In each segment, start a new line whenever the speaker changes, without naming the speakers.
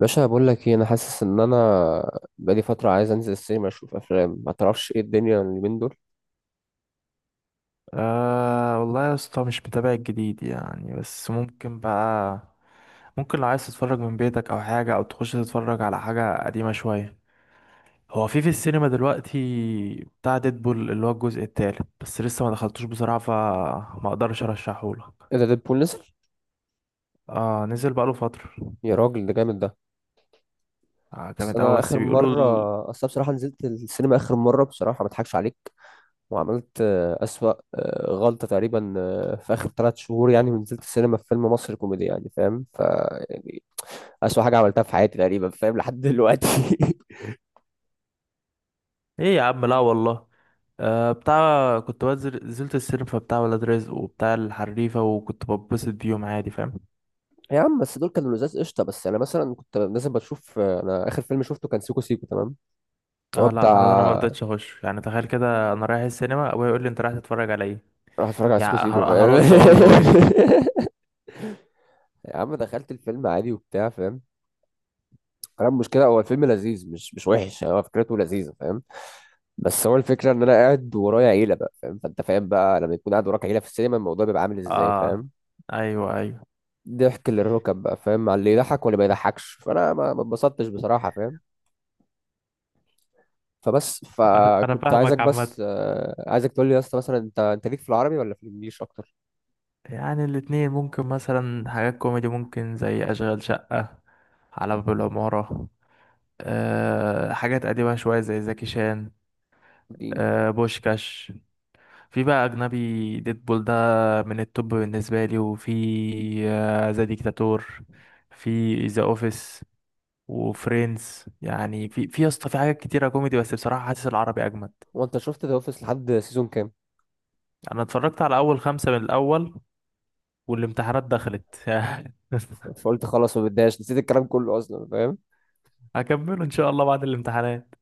باشا بقول لك ايه؟ انا حاسس ان انا بقالي فتره عايز انزل السينما اشوف افلام، ما تعرفش ايه الدنيا اليومين دول؟
آه والله يا اسطى، مش متابع الجديد يعني. بس ممكن لو عايز تتفرج من بيتك او حاجة او تخش تتفرج على حاجة قديمة شوية. هو في السينما دلوقتي بتاع ديدبول اللي هو الجزء التالت، بس لسه ما دخلتوش بصراحة فما اقدرش ارشحهولك.
ايه ده، ديدبول نزل؟
اه نزل بقاله فترة.
يا راجل ده جامد ده.
آه
بس
جامد
انا
اوي، بس
اخر
بيقولوا
مره، اصل أنا بصراحه نزلت السينما اخر مره، بصراحه ما اضحكش عليك، وعملت اسوأ غلطه تقريبا في اخر ثلاث شهور، يعني ونزلت السينما في فيلم مصري كوميدي يعني فاهم؟ يعني اسوأ حاجه عملتها في حياتي تقريبا، فاهم لحد دلوقتي.
ايه يا عم، لا والله. آه، بتاع كنت بنزل نزلت السينما بتاع ولاد رزق وبتاع الحريفة، وكنت ببسط بيهم عادي، فاهم.
يا عم بس دول كانوا لزاز قشطه، بس انا مثلا كنت نازل بشوف انا اخر فيلم شفته كان سيكو سيكو، تمام؟ هو
اه لا، انا انا ما
بتاع
رضيتش اخش يعني. تخيل كده، انا رايح السينما ابويا يقول لي انت رايح تتفرج على ايه؟
راح اتفرج على سيكو
يعني
سيكو فاهم.
هرد اقول له ايه؟
يا عم دخلت الفيلم عادي وبتاع فاهم، انا المشكله هو الفيلم لذيذ، مش وحش يعني، هو فكرته لذيذه فاهم. بس هو الفكره ان انا قاعد ورايا عيله بقى فاهم، فانت فاهم بقى لما يكون قاعد وراك عيله في السينما الموضوع بيبقى عامل ازاي
اه،
فاهم.
ايوه ايوه.
ضحك للركب بقى فاهم، على اللي يضحك واللي ما يضحكش، فانا ما اتبسطتش بصراحه فاهم. فبس
انا
فكنت عايزك
فاهمك عامه.
بس عايزك تقول لي يا اسطى مثلا، انت ليك في العربي ولا في الانجليش اكتر؟
يعني الاتنين ممكن، مثلا حاجات كوميدي ممكن زي اشغال شقه، على باب العماره. أه، حاجات قديمه شويه زي زكي شان،
دين.
أه، بوشكاش. في بقى اجنبي، ديدبول ده من التوب بالنسبه لي، وفي ذا ديكتاتور، في ذا اوفيس، وفريندز. يعني في يا اسطى في حاجات كتيرة كوميدي، بس بصراحة حاسس العربي أجمد.
وانت شفت ذا اوفيس لحد سيزون كام؟
أنا اتفرجت على أول خمسة من الأول والامتحانات دخلت.
فقلت خلاص ما بتضايقش، نسيت الكلام كله اصلا فاهم.
هكمله إن شاء الله بعد الامتحانات.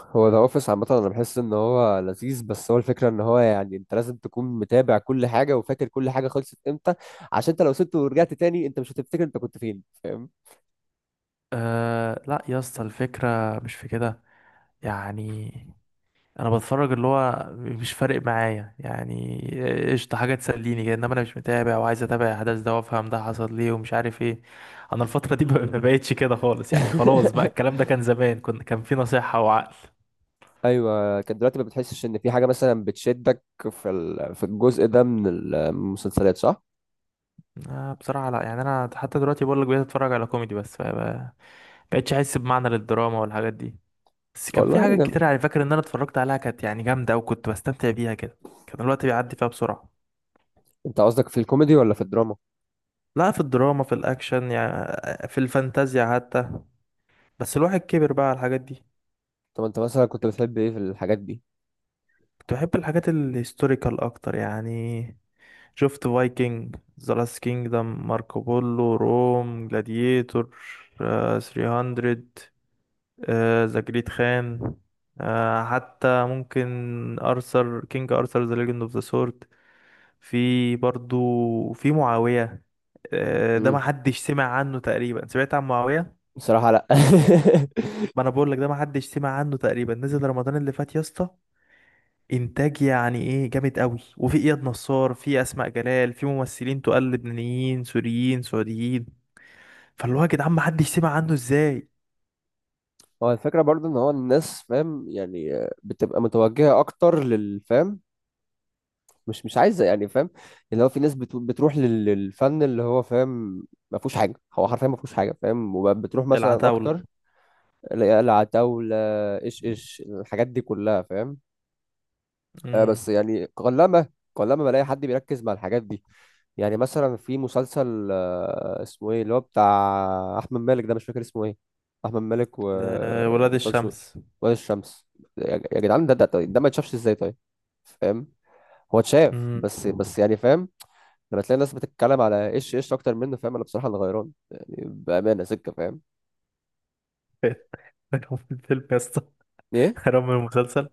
هو ذا اوفيس عامه انا بحس ان هو لذيذ، بس هو الفكره ان هو يعني انت لازم تكون متابع كل حاجه وفاكر كل حاجه خلصت امتى، عشان انت لو سبته ورجعت تاني انت مش هتفتكر انت كنت فين فاهم.
أه لا يا اسطى، الفكرة مش في كده يعني. أنا بتفرج اللي هو مش فارق معايا يعني، قشطة، حاجة تسليني كده. إنما أنا مش متابع وعايز أتابع أحداث ده وأفهم ده حصل ليه ومش عارف إيه. أنا الفترة دي ما بقتش كده خالص يعني. خلاص بقى الكلام ده كان زمان، كنا كان في نصيحة وعقل.
ايوه، كان دلوقتي ما بتحسش ان في حاجه مثلا بتشدك في في الجزء ده من المسلسلات، صح؟
آه، بصراحة لا يعني. انا حتى دلوقتي بقول لك، بقيت اتفرج على كوميدي بس، فما بقتش احس بمعنى للدراما والحاجات دي. بس كان في
والله
حاجات كتير
جامد.
على فاكر ان انا اتفرجت عليها كانت يعني جامدة، وكنت بستمتع بيها كده. كان الوقت بيعدي فيها بسرعة.
انت قصدك في الكوميدي ولا في الدراما؟
لا، في الدراما، في الاكشن يعني، في الفانتازيا حتى، بس الواحد كبر بقى على الحاجات دي.
طب انت مثلا كنت بتحب ايه في الحاجات دي؟
كنت بحب الحاجات الهيستوريكال اكتر يعني. شفت فايكنج، ذا لاست كينجدم، ماركو بولو، روم، جلاديتور، 300، آه، ذا جريت خان، آه حتى ممكن ارثر، كينج ارثر، ذا ليجند اوف ذا سورد. في برضو في معاوية. آه، ده
امم،
ما حدش سمع عنه تقريبا. سمعت عن معاوية؟
بصراحه لا.
ما انا بقول لك ده ما حدش سمع عنه تقريبا. نزل رمضان اللي فات يا اسطى، انتاج يعني ايه، جامد قوي، وفي اياد نصار، في اسماء جلال، في ممثلين تقال لبنانيين سوريين سعوديين. فاللي هو يا جدعان ما حدش سمع عنه ازاي؟
هو الفكرة برضو ان هو الناس فاهم يعني بتبقى متوجهة اكتر للفهم، مش عايزة يعني فاهم. اللي هو في ناس بتروح للفن اللي هو فاهم ما فيهوش حاجة، هو حرفيا ما فيهوش حاجة فاهم، وبتروح مثلا
العتاولة.
اكتر لقلعة طاولة، ايش ايش الحاجات دي كلها فاهم.
امم.
بس يعني قلما بلاقي حد بيركز مع الحاجات دي. يعني مثلا في مسلسل اسمه ايه اللي هو بتاع احمد مالك ده، مش فاكر اسمه ايه. احمد مالك و
ولاد
وطه دسوقي،
الشمس.
وائل الشمس، يا يا جدعان ده طيب، ده ما يتشافش ازاي طيب؟ فاهم. هو اتشاف
امم.
بس يعني فاهم. لما تلاقي الناس بتتكلم على ايش ايش اكتر منه فاهم، انا بصراحه اللي غيران يعني بامانه سكه فاهم.
غيرهم من الفيلم. يا اسطى
ايه.
غيرهم من المسلسل.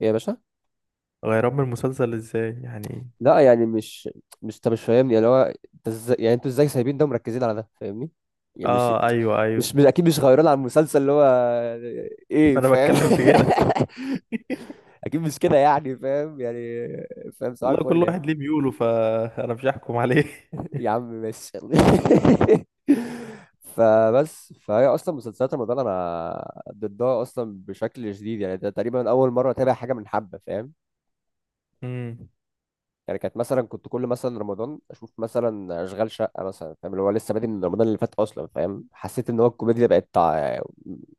ايه يا باشا؟
غيرهم من المسلسل ازاي يعني؟
لا يعني مش، مش انت مش فاهمني اللي هو، انت ازاي يعني، انتوا ازاي سايبين ده ومركزين على ده فاهمني؟ يعني مش،
اه، ايوه ايوه،
اكيد مش غيران على المسلسل اللي هو ايه
انا
فاهم.
بتكلم في كده.
اكيد مش كده يعني فاهم يعني، فاهم صباح
والله كل
الفل يعني.
واحد ليه ميوله، فانا مش هحكم عليه.
يا عم ماشي يلا. فبس فهي اصلا مسلسلات رمضان انا ضدها اصلا بشكل شديد يعني، ده تقريبا اول مره اتابع حاجه من حبه فاهم.
امم.
يعني كانت مثلا كنت كل مثلا رمضان اشوف مثلا اشغال شقه مثلا فاهم، اللي هو لسه بادئ من رمضان اللي فات اصلا فاهم، حسيت ان هو الكوميديا بقت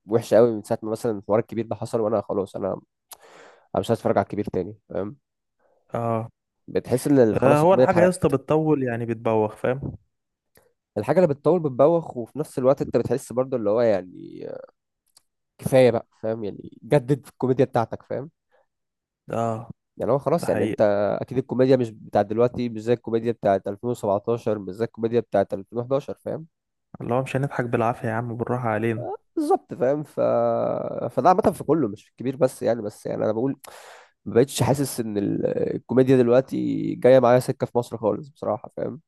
وحشه قوي من ساعه ما مثلا الحوار الكبير ده حصل، وانا خلاص انا مش عايز اتفرج على الكبير تاني فاهم.
اه.
بتحس ان
آه،
خلاص
هو
الكوميديا
الحاجه يا
اتحرقت.
اسطى بتطول يعني، بتبوخ، فاهم.
الحاجه اللي بتطول بتبوخ، وفي نفس الوقت انت بتحس برضو اللي هو يعني كفايه بقى فاهم، يعني جدد في الكوميديا بتاعتك فاهم.
اه،
يعني هو
ده
خلاص يعني انت،
حقيقي.
اكيد الكوميديا مش بتاعت دلوقتي مش زي الكوميديا بتاعت 2017، مش زي الكوميديا بتاعت 2011 فاهم.
اللي هو مش هنضحك بالعافيه يا عم، بالراحه علينا.
بالظبط فاهم فده عامة في كله مش في الكبير بس يعني، بس يعني انا بقول ما بقتش حاسس ان الكوميديا دلوقتي جايه معايا سكه في مصر خالص بصراحه فاهم.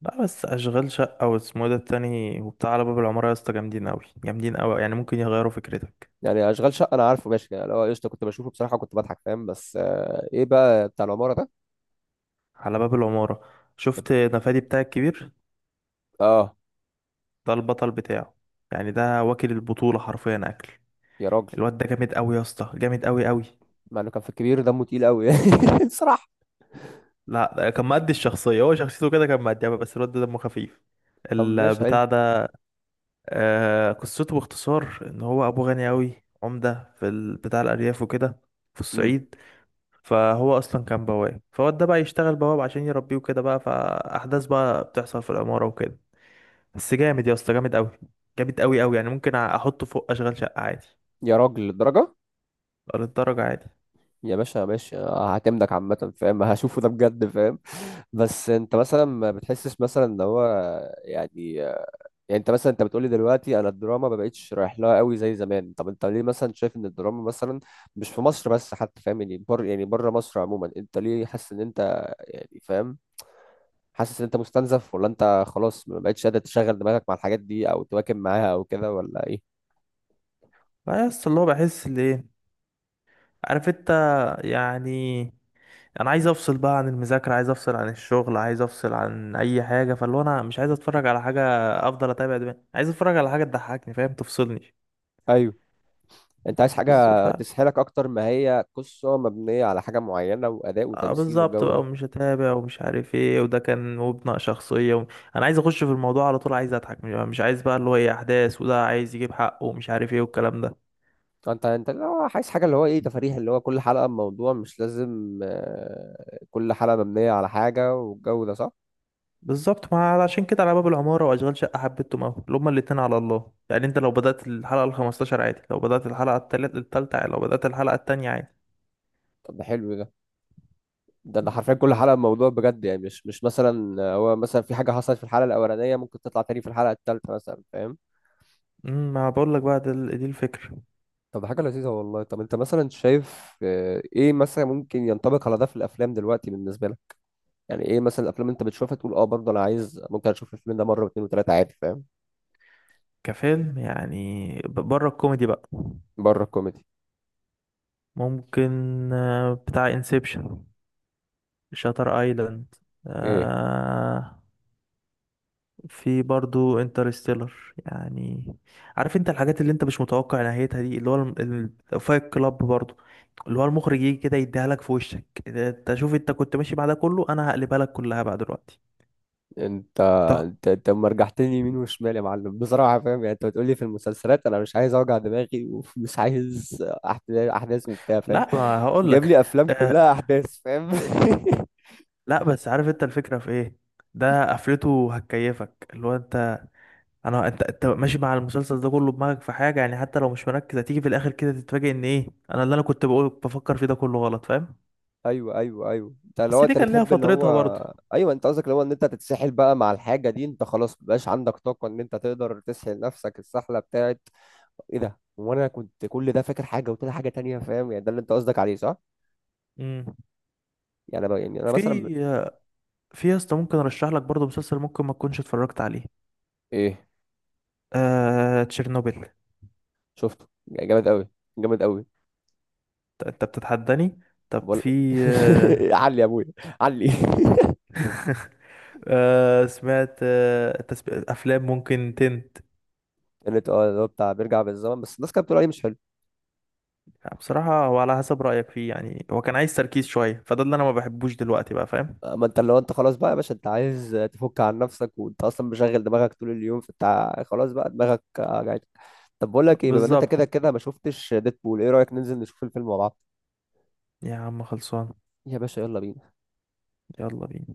لا، بس اشغال شقه، واسمه إيه ده التاني وبتاع، على باب العماره، يا اسطى جامدين قوي، جامدين قوي يعني، ممكن يغيروا فكرتك.
يعني اشغال شقه انا عارفه ماشي، يعني لو قشطه كنت بشوفه بصراحه كنت بضحك فاهم، بس ايه بقى بتاع العماره ده؟
على باب العماره،
ده-
شفت نفادي بتاع الكبير؟
اه.
ده البطل بتاعه. يعني ده واكل البطولة حرفيا اكل.
يا راجل
الواد ده جامد قوي يا اسطى، جامد قوي قوي.
مع انه كان في الكبير دمه تقيل قوي يعني بصراحه.
لا، ده كان مأدي الشخصية، هو شخصيته كده كان مأديها، بس الواد ده دمه خفيف
طب ماشي حلو.
البتاع ده. آه، قصته باختصار ان هو ابوه غني قوي، عمدة بتاع الارياف وكده، في
امم.
الصعيد. فهو اصلا كان بواب، فالواد ده بقى يشتغل بواب عشان يربيه وكده بقى، فاحداث بقى بتحصل في العمارة وكده. بس جامد يا اسطى، جامد قوي، جامد قوي قوي، يعني ممكن احطه فوق اشغال شقة عادي.
يا راجل للدرجه؟
للدرجة عادي.
يا باشا ماشي هعتمدك عامة فاهم، هشوفه ده بجد فاهم. بس انت مثلا ما بتحسش مثلا ان هو يعني، يعني انت مثلا انت بتقولي دلوقتي انا الدراما ما بقتش رايح لها قوي زي زمان، طب انت ليه مثلا شايف ان الدراما مثلا مش في مصر بس حتى فاهم يعني، يعني بره مصر عموما انت ليه حاسس ان انت يعني فاهم، حاسس ان انت مستنزف ولا انت خلاص ما بقتش قادر تشغل دماغك مع الحاجات دي او تواكب معاها او كده ولا ايه؟
لا يس. اللي هو بحس ليه، عارف انت، يعني انا عايز افصل بقى عن المذاكره، عايز افصل عن الشغل، عايز افصل عن اي حاجه. فاللي هو انا مش عايز اتفرج على حاجه افضل اتابع دماغي، عايز اتفرج على حاجه تضحكني، فاهم، تفصلني.
ايوه، انت عايز
بس ف
حاجة تسحلك اكتر ما هي قصة مبنية على حاجة معينة واداء
آه،
وتمثيل
بالظبط بقى.
والجو.
ومش هتابع ومش عارف ايه، وده كان، وبناء شخصيه انا عايز اخش في الموضوع على طول، عايز اضحك، مش عايز بقى اللي هو ايه، احداث، وده عايز يجيب حقه ومش عارف ايه والكلام ده.
انت انت اللي هو عايز حاجه اللي هو ايه، تفاريح اللي هو كل حلقه بموضوع، مش لازم كل حلقه مبنيه على حاجه والجو ده، صح؟
بالظبط، ما عشان كده على باب العمارة وأشغال شقة حبيتهم أوي، اللي هما الاتنين على الله يعني. أنت لو بدأت الحلقة الخمستاشر عادي، لو بدأت الحلقة التالتة عادي، لو بدأت الحلقة التانية عادي.
طب ده حلو ده، ده حرفيا كل حلقه بموضوع بجد يعني، مش مثلا هو مثلا في حاجه حصلت في الحلقه الاولانيه ممكن تطلع تاني في الحلقه الثالثه مثلا فاهم.
ما بقولك بقى، دي الفكرة.
طب ده حاجه لذيذه والله. طب انت مثلا شايف ايه مثلا ممكن ينطبق على ده في الافلام دلوقتي بالنسبه لك؟ يعني ايه مثلا الافلام انت بتشوفها تقول اه برضه انا عايز ممكن اشوف الفيلم ده مره واثنين وثلاثه عادي فاهم؟
كفيلم يعني، بره الكوميدي بقى،
بره الكوميدي.
ممكن بتاع انسبشن، شاتر ايلاند،
اوكي.
في برضو انترستيلر يعني. عارف انت الحاجات اللي انت مش متوقع نهايتها دي، اللي هو فايت كلاب برضو، اللي هو المخرج يجي كده يديها لك في وشك. ده انت شوف، انت كنت ماشي مع ده كله، انا هقلبها لك كلها بقى دلوقتي.
انت
طب
انت أما رجعتني يمين وشمال يا معلم بصراحه فاهم، يعني انت بتقولي في المسلسلات انا مش عايز اوجع دماغي ومش عايز احداث احداث وبتاع فاهم،
لا، ما هقول
جاب
لك.
لي افلام
آه،
كلها احداث فاهم.
لا بس عارف انت الفكرة في ايه؟ ده قفلته هتكيفك، اللي هو انت انا انت انت ماشي مع المسلسل ده كله، دماغك في حاجة يعني، حتى لو مش مركز، هتيجي في الاخر كده تتفاجئ ان ايه، اللي انا كنت بقول بفكر فيه ده كله غلط، فاهم.
ايوه ايوه ايوه، انت لو
بس دي
انت
كان ليها
بتحب اللي هو،
فترتها برضو.
ايوه انت قصدك اللي هو ان انت تتسحل بقى مع الحاجه دي انت خلاص مبقاش عندك طاقه ان انت تقدر تسحل نفسك السحله بتاعت ايه ده، وانا كنت كل ده فاكر حاجه وطلع حاجه تانية فاهم يعني، ده اللي انت قصدك عليه، صح؟
امم.
يعني انا يعني انا مثلا
في في يا اسطى، ممكن ارشح لك برضه مسلسل ممكن ما تكونش اتفرجت عليه،
ايه؟
تشيرنوبل.
شفته، يعني جامد قوي جامد قوي.
انت بتتحداني؟ طب
بقول.
في آه...
علي يا ابويا، علي.
سمعت افلام ممكن تنت.
كانت اه اللي هو بتاع بيرجع بالزمن، بس الناس كانت بتقول عليه مش حلو.
بصراحة هو على حسب رأيك فيه يعني. هو كان عايز تركيز شوية، فده اللي انا ما بحبوش دلوقتي بقى، فاهم.
اما انت لو انت خلاص بقى يا باشا انت عايز تفك عن نفسك، وانت اصلا مشغل دماغك طول اليوم، فانت خلاص بقى دماغك وجعتك. طب بقول لك ايه، بما ان انت
بالظبط،
كده كده ما شفتش ديدبول، ايه رايك ننزل نشوف الفيلم مع بعض؟
يا عم خلصان.
يا باشا يلا بينا.
يلا بينا.